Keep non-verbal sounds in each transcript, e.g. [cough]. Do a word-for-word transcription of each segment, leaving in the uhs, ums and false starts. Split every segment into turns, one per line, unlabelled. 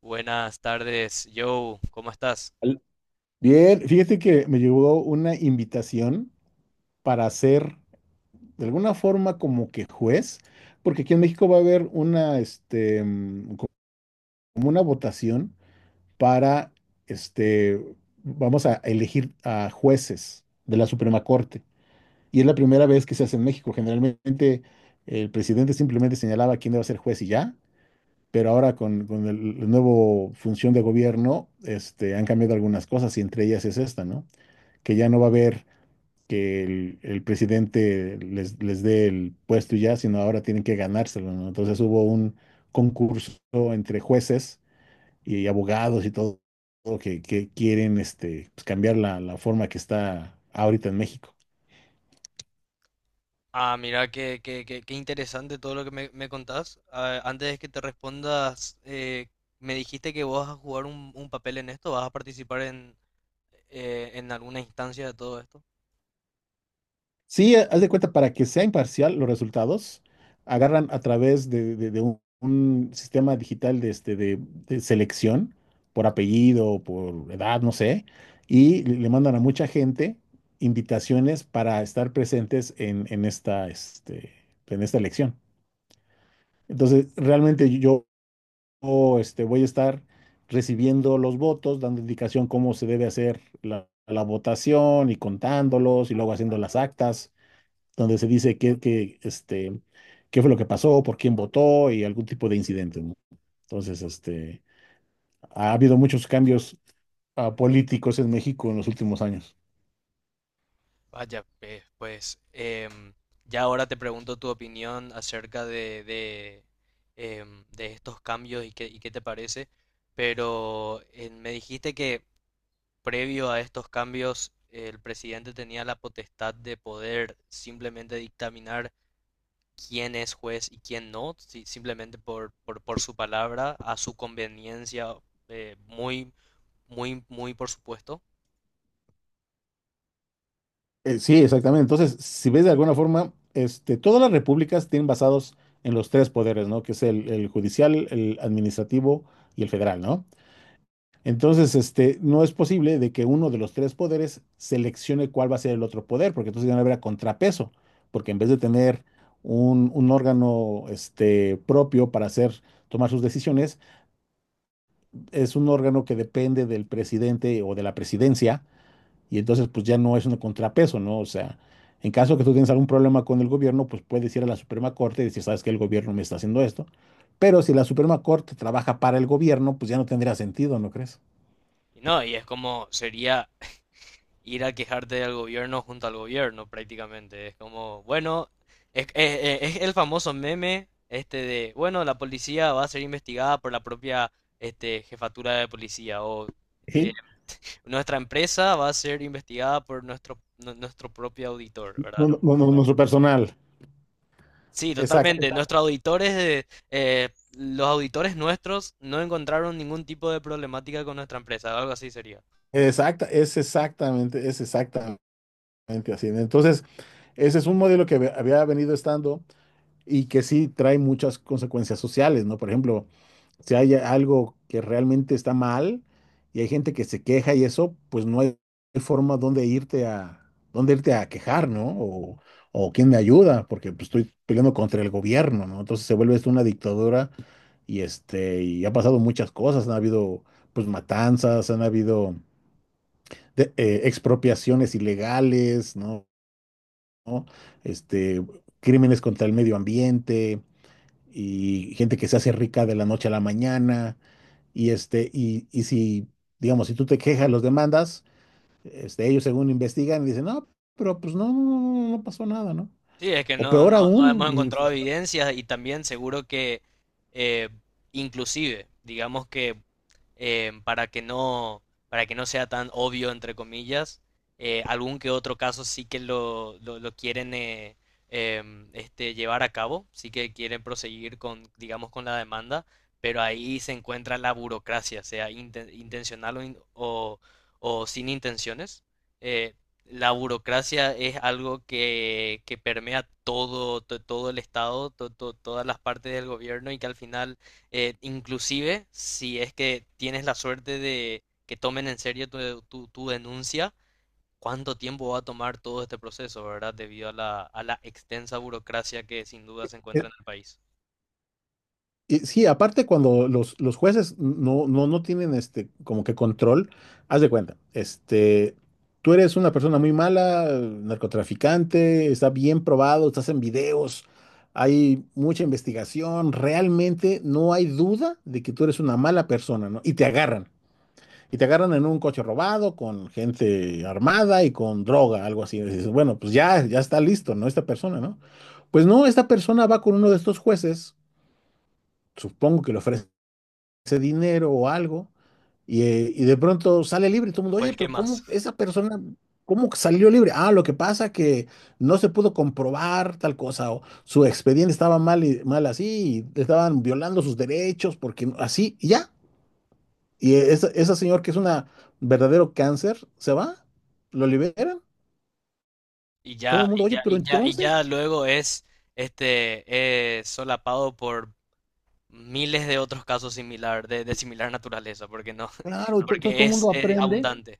Buenas tardes, Joe, ¿cómo estás?
Al- Bien, fíjate que me llegó una invitación para ser de alguna forma como que juez, porque aquí en México va a haber una, este, mm, co- como una votación para, este, vamos a elegir a jueces de la Suprema Corte. Y es la primera vez que se hace en México. Generalmente el presidente simplemente señalaba quién iba a ser juez y ya, pero ahora con, con el, la nueva función de gobierno, este, han cambiado algunas cosas y entre ellas es esta, ¿no? Que ya no va a haber que el, el presidente les, les dé el puesto y ya, sino ahora tienen que ganárselo, ¿no? Entonces hubo un concurso entre jueces y abogados y todo, todo que, que quieren este, pues, cambiar la, la forma que está ahorita en México.
Ah, mira, qué, qué, qué- qué interesante todo lo que me, me contás. Ah, antes de que te respondas, eh, me dijiste que vos vas a jugar un, un papel en esto, vas a participar en, eh, en alguna instancia de todo esto.
Sí, haz de cuenta, para que sea imparcial los resultados, agarran a través de, de- de un, un sistema digital de, este, de, de selección por apellido, por edad, no sé, y le le mandan a mucha gente invitaciones para estar presentes en, en esta, este, en esta elección. Entonces, realmente yo yo, este, voy a estar recibiendo los votos, dando indicación cómo se debe hacer la la votación y contándolos y luego haciendo las actas donde se dice qué, qué, este, qué fue lo que pasó, por quién votó y algún tipo de incidente, ¿no? Entonces, este, ha habido muchos cambios ah, políticos en México en los últimos años.
Vaya, pe- pues, em, ya ahora te pregunto tu opinión acerca de, de, em, de estos cambios y qué, y qué te parece, pero eh, me dijiste que previo a estos cambios, el presidente tenía la potestad de poder simplemente dictaminar quién es juez y quién no, si- simplemente por, por, por su palabra, a su conveniencia, eh, muy, muy, muy por supuesto.
Eh, sí, exactamente. Entonces, si ves de alguna forma, este, todas las repúblicas tienen basados en los tres poderes, ¿no? Que es el, el judicial, el administrativo y el federal, ¿no? Entonces, este, no es posible de que uno de los tres poderes seleccione cuál va a ser el otro poder, porque entonces ya no habrá contrapeso, porque en vez de tener un, un órgano, este, propio para hacer, tomar sus decisiones, es un órgano que depende del presidente o de la presidencia, y entonces pues ya no es un contrapeso, ¿no? O sea, en caso que tú tienes algún problema con el gobierno, pues puedes ir a la Suprema Corte y decir, sabes que el gobierno me está haciendo esto, pero si la Suprema Corte trabaja para el gobierno, pues ya no tendría sentido, ¿no crees?
Y no, y es como sería ir a quejarte del gobierno junto al gobierno prácticamente. Es como, bueno, es, eh, eh, es el famoso meme este de, bueno, la policía va a ser investigada por la propia este, jefatura de policía o eh,
Sí.
nuestra empresa va a ser investigada por nuestro, nu- nuestro propio auditor,
No,
¿verdad?
no, no, no, nuestro personal.
Sí,
Exacto,
totalmente. Nuestros auditores, de- eh, los auditores nuestros no encontraron ningún tipo de problemática con nuestra empresa, algo así sería.
exacta, es exactamente, es exactamente así. Entonces, ese es un modelo que había venido estando, y que sí trae muchas consecuencias sociales, ¿no? Por ejemplo, si hay algo que realmente está mal y hay gente que se queja y eso, pues no hay forma donde irte a, donde irte a quejar, ¿no? O, o quién me ayuda, porque pues, estoy peleando contra el gobierno, ¿no? Entonces se vuelve esto una dictadura y este, y ha pasado muchas cosas, han habido pues matanzas, han habido de- eh, expropiaciones ilegales, ¿no? ¿no? Este, crímenes contra el medio ambiente, y gente que se hace rica de la noche a la mañana, y este, y, y si, digamos, si tú te quejas, los demandas, este, ellos según investigan y dicen, no, pero pues no, no, no, no no, no, no pasó nada, ¿no?
Sí, es que
O
no,
peor
no, no hemos
aún.
encontrado evidencias y también seguro que eh, inclusive, digamos que eh, para que no, para que no sea tan obvio, entre comillas, eh, algún que otro caso sí que lo, lo, lo quieren eh, em, este, llevar a cabo, sí que quieren proseguir con, digamos, con la demanda, pero ahí se encuentra la burocracia, sea inten- intencional o, in- o, o sin intenciones. Eh, la burocracia es algo que, que permea todo, to- todo el Estado, to- to- todas las partes del gobierno y que al final, eh, inclusive si es que tienes la suerte de que tomen en serio tu, tu- tu denuncia, ¿cuánto tiempo va a tomar todo este proceso, verdad? Debido a la, a la extensa burocracia que sin duda se encuentra en el país.
Y sí, aparte cuando los, los jueces no, no, no tienen este como que control, haz de cuenta, este, tú eres una persona muy mala, narcotraficante, está bien probado, estás en videos, hay mucha investigación, realmente no hay duda de que tú eres una mala persona, ¿no? Y te agarran, y te agarran en un coche robado con gente armada y con droga, algo así. Y dices, bueno, pues ya, ya está listo, ¿no? Esta persona, ¿no? Pues no, esta persona va con uno de estos jueces, supongo que le ofrece ese dinero o algo, y, eh, y de pronto sale libre y todo el mundo, oye,
Pues, ¿qué
pero
más?
¿cómo esa persona, cómo que salió libre? Ah, lo que pasa que no se pudo comprobar tal cosa, o su expediente estaba mal, y, mal así, y le estaban violando sus derechos, porque no- así, y ya. Y e, esa, esa señora que es una verdadero cáncer, se va, lo liberan,
Y
todo
ya,
el mundo,
y
oye,
ya,
pero
y ya, y
entonces,
ya luego es, este, eh, solapado por miles de otros casos similar, de, de similar naturaleza, porque no,
claro,
[laughs]
ento- entonces
porque
todo el
es,
mundo
es
aprende,
abundante.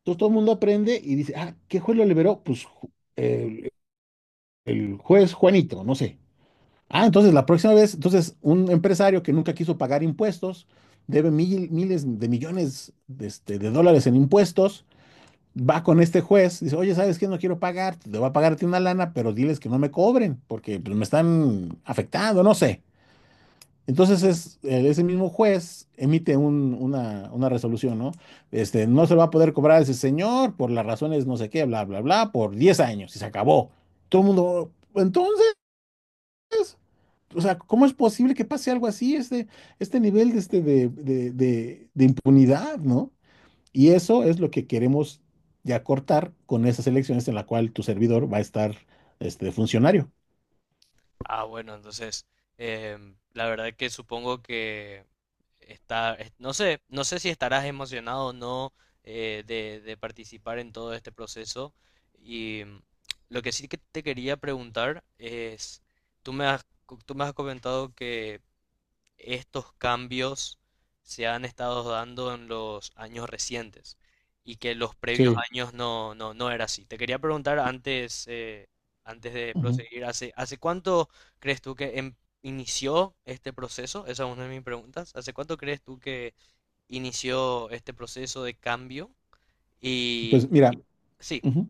entonces todo el mundo aprende y dice, ah, ¿qué juez lo liberó? Pues ju- el el juez Juanito, no sé. Ah, entonces la próxima vez, entonces un empresario que nunca quiso pagar impuestos, debe mil- miles de millones de, este, de dólares en impuestos, va con este juez, dice, oye, ¿sabes qué? No quiero pagar, te voy a pagarte una lana, pero diles que no me cobren, porque pues, me están afectando, no sé. Entonces es, eh, ese mismo juez emite un- una, una resolución, ¿no? Este, no se lo va a poder cobrar a ese señor por las razones no sé qué, bla, bla, bla, por diez años y se acabó. Todo el mundo, entonces. O sea, ¿cómo es posible que pase algo así, este, este nivel de, este, de, de- de- de impunidad, ¿no? Y eso es lo que queremos ya cortar con esas elecciones en la cual tu servidor va a estar este, de funcionario.
Ah, bueno, entonces, em, la verdad que supongo que está, es- no sé, no sé si estarás emocionado o no eh, de, de participar en todo este proceso. Y mm, lo que sí que te quería preguntar es, tú me has, co- tú me has comentado que estos cambios se han estado dando en los años recientes y que los previos
Sí.
años no, no, no era así. Te quería preguntar antes, eh, antes de
Ujú.
proseguir, ¿hace, hace cuánto crees tú que em- inició este proceso? Esa es una de mis preguntas. ¿Hace cuánto crees tú que inició este proceso de cambio? Y
Pues mira,
sí,
ujú,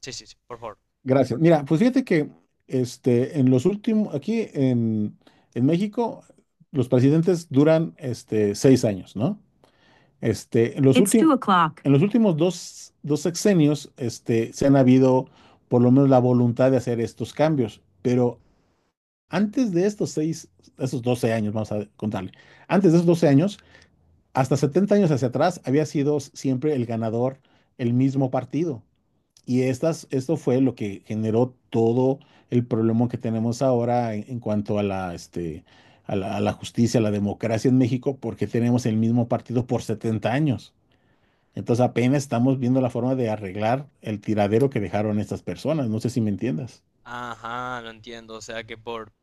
sí, sí, sí, por favor.
gracias. Mira, pues fíjate que este, en los últimos, aquí en, en México, los presidentes duran este, seis años, ¿no? Este, en los It's últimos, two o'clock. En los últimos dos, dos sexenios, este, se han habido por lo menos la voluntad de hacer estos cambios, pero antes de estos seis, esos doce años, vamos a contarle, antes de esos doce años, hasta setenta años hacia atrás, había sido siempre el ganador el mismo partido. Y estas, esto fue lo que generó todo el problema que tenemos ahora en, en cuanto a la, este, a la, a la justicia, a la democracia en México, porque tenemos el mismo partido por setenta años. Entonces apenas estamos viendo la forma de arreglar el tiradero que dejaron estas personas. No sé si me entiendas.
Ajá, lo entiendo. O sea que por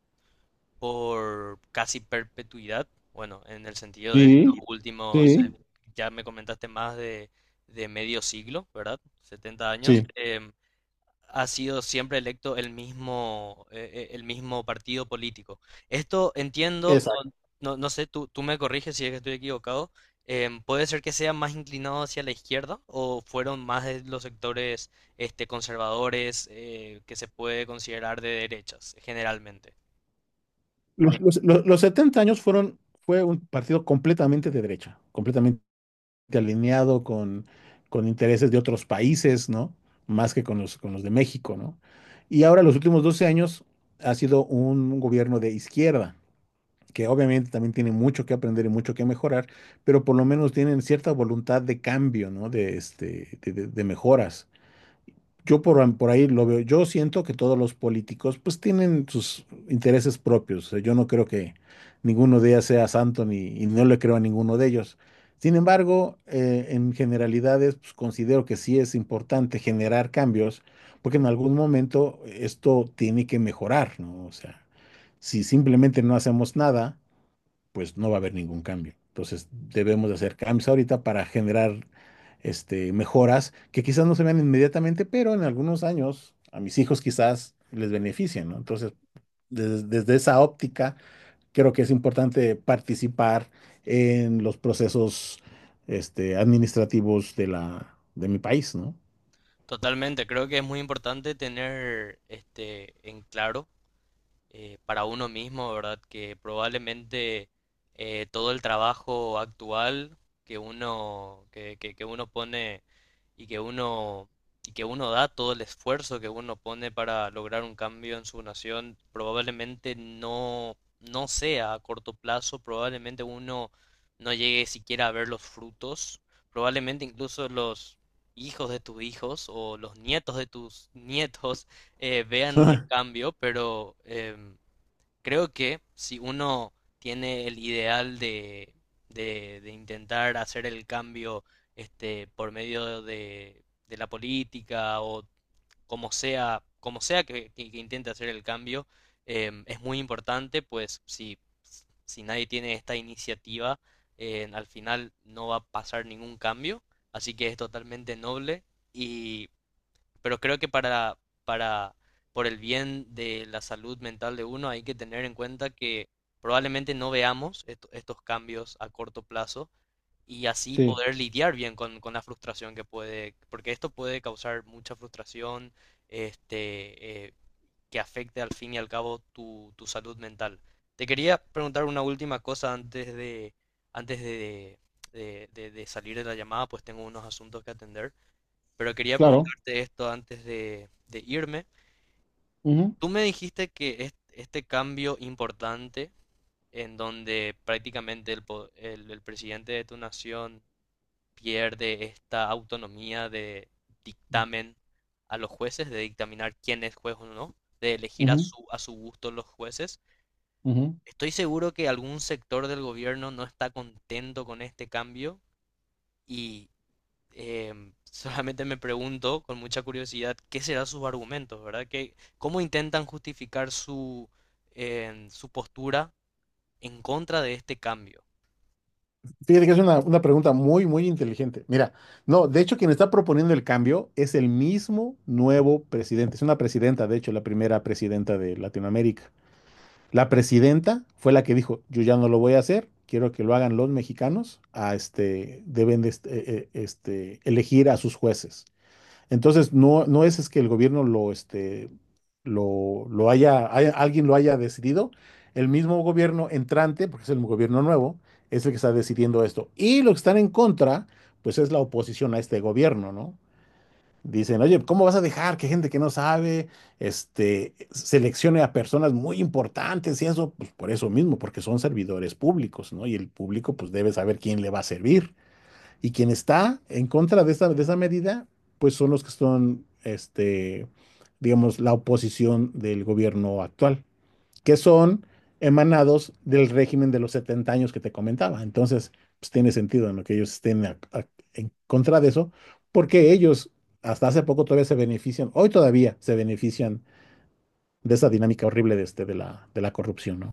por casi perpetuidad. Bueno, en el sentido de estos
Sí,
últimos, eh,
sí,
ya me comentaste más de, de medio siglo, ¿verdad? setenta años.
sí.
Em, ha sido siempre electo el mismo, eh, eh, el mismo partido político. Esto entiendo, no,
Exacto.
no, no sé, tú, tú me corriges si es que estoy equivocado. Em, ¿puede ser que sea más inclinado hacia la izquierda o fueron más de los sectores este, conservadores eh, que se puede considerar de derechas generalmente?
Los, los- los- los setenta años fueron, fue un partido completamente de derecha, completamente alineado con, con intereses de otros países, ¿no? Más que con los, con los de México, ¿no? Y ahora los últimos doce años ha sido un gobierno de izquierda, que obviamente también tienen mucho que aprender y mucho que mejorar, pero por lo menos tienen cierta voluntad de cambio, ¿no? De, este, de, de, de mejoras. Yo por, por ahí lo veo, yo siento que todos los políticos pues tienen sus intereses propios. O sea, yo no creo que ninguno de ellos sea santo ni, y no le creo a ninguno de ellos. Sin embargo, eh, en generalidades pues, considero que sí es importante generar cambios porque en algún momento esto tiene que mejorar, ¿no? O sea, si simplemente no hacemos nada, pues no va a haber ningún cambio. Entonces debemos de hacer cambios ahorita para generar este, mejoras que quizás no se vean inmediatamente, pero en algunos años a mis hijos quizás les beneficien, ¿no? Entonces, des- desde esa óptica, creo que es importante participar en los procesos este, administrativos de la, de mi país, ¿no?
Totalmente, creo que es muy importante tener este en claro eh, para uno mismo, ¿verdad? Que probablemente eh, todo el trabajo actual que uno, que, que, que uno pone y que uno, y que uno da, todo el esfuerzo que uno pone para lograr un cambio en su nación, probablemente no, no sea a corto plazo, probablemente uno no llegue siquiera a ver los frutos, probablemente incluso los hijos de tus hijos o los nietos de tus [laughs] nietos eh, vean un
[laughs]
cambio, pero em, creo que si uno tiene el ideal de, de, de intentar hacer el cambio este, por medio de, de la política o como sea, como sea que, que- que intente hacer el cambio, em, es muy importante, pues si, si nadie tiene esta iniciativa, eh, al final no va a pasar ningún cambio, así que es totalmente noble y pero creo que para, para, por el bien de la salud mental de uno hay que tener en cuenta que probablemente no veamos esto- estos cambios a corto plazo y así
Sí,
poder lidiar bien con, con la frustración que puede, porque esto puede causar mucha frustración, este, eh, que afecte al fin y al cabo tu, tu salud mental. Te quería preguntar una última cosa antes de, antes de, de, de- de salir de la llamada, pues tengo unos asuntos que atender. Pero quería
claro.
preguntarte esto antes de, de irme.
Ujú,
Tú me dijiste que es- este cambio importante en donde prácticamente el, po- el- el presidente de tu nación pierde esta autonomía de dictamen a los jueces, de dictaminar quién es juez o no, de elegir a
ujú,
su, a su gusto los jueces.
ujú.
Estoy seguro que algún sector del gobierno no está contento con este cambio em, [laughs] solamente me pregunto con mucha curiosidad qué serán sus argumentos, ¿verdad? Que, ¿cómo intentan justificar su, em, su postura en contra de este cambio?
Fíjate que es una, una pregunta muy, muy inteligente. Mira, no, de hecho, quien está proponiendo el cambio es el mismo nuevo presidente. Es una presidenta, de hecho, la primera presidenta de Latinoamérica. La presidenta fue la que dijo, yo ya no lo voy a hacer, quiero que lo hagan los mexicanos, a este, deben de este, eh, eh, este, elegir a sus jueces. Entonces, no, no es, es que el gobierno lo, este, lo, lo haya, haya- alguien lo haya decidido. El mismo gobierno entrante, porque es el gobierno nuevo, es el que está decidiendo esto. Y los que están en contra, pues es la oposición a este gobierno, ¿no? Dicen, oye, ¿cómo vas a dejar que gente que no sabe, este, seleccione a personas muy importantes y eso? Pues por eso mismo, porque son servidores públicos, ¿no? Y el público, pues debe saber quién le va a servir. Y quien está en contra de esa, de esa medida, pues son los que son, este, digamos, la oposición del gobierno actual, que son emanados del régimen de los setenta años que te comentaba. Entonces, pues tiene sentido en lo que ellos estén a- a- en contra de eso, porque ellos hasta hace poco todavía se benefician, hoy todavía se benefician de esa dinámica horrible de, este, de la, de la corrupción, ¿no?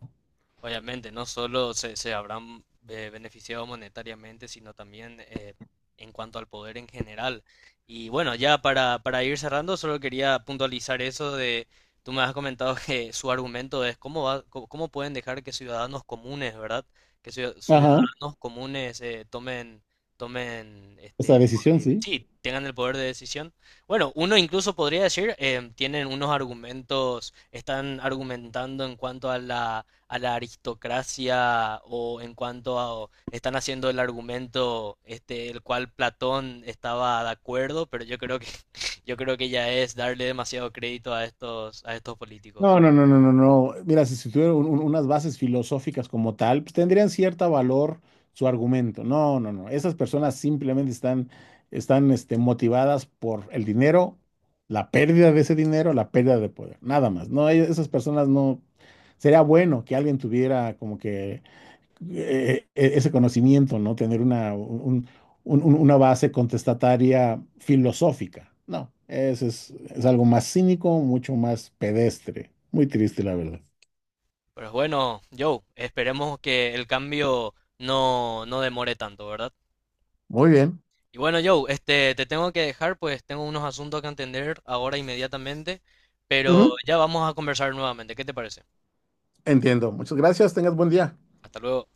Obviamente, no solo se, se habrán eh, beneficiado monetariamente, sino también eh, en cuanto al poder en general. Y bueno, ya para, para ir cerrando, solo quería puntualizar eso de, tú me has comentado que su argumento es cómo va, cómo, cómo pueden dejar que ciudadanos comunes, ¿verdad? Que ciu-
Ajá,
ciudadanos comunes eh, tomen, tomen este,
esa decisión, sí.
sí, tengan el poder de decisión. Bueno, uno incluso podría decir, em, tienen unos argumentos, están argumentando en cuanto a la, a la aristocracia o en cuanto a, o están haciendo el argumento este, el cual Platón estaba de acuerdo, pero yo creo que, [laughs] yo creo que ya es darle demasiado crédito a estos, a estos políticos.
No, no, no, no, no, no. Mira, si, si tuviera un- un- unas bases filosóficas como tal, pues tendrían cierto valor su argumento. No, no, no. Esas personas simplemente están, están, este, motivadas por el dinero, la pérdida de ese dinero, la pérdida de poder. Nada más. No, e- esas personas no. Sería bueno que alguien tuviera como que eh, e- ese conocimiento, ¿no? Tener una, un- un- un- una base contestataria filosófica. No, eso es, es algo más cínico, mucho más pedestre. Muy triste, la verdad.
Pero bueno, Joe, esperemos que el cambio no, no demore tanto, ¿verdad?
Muy bien.
Y bueno, Joe, este, te tengo que dejar, pues tengo unos asuntos que atender ahora inmediatamente, pero
Ujú.
ya vamos a conversar nuevamente. ¿Qué te parece?
Entiendo. Muchas gracias. Tengas buen día.
Hasta luego.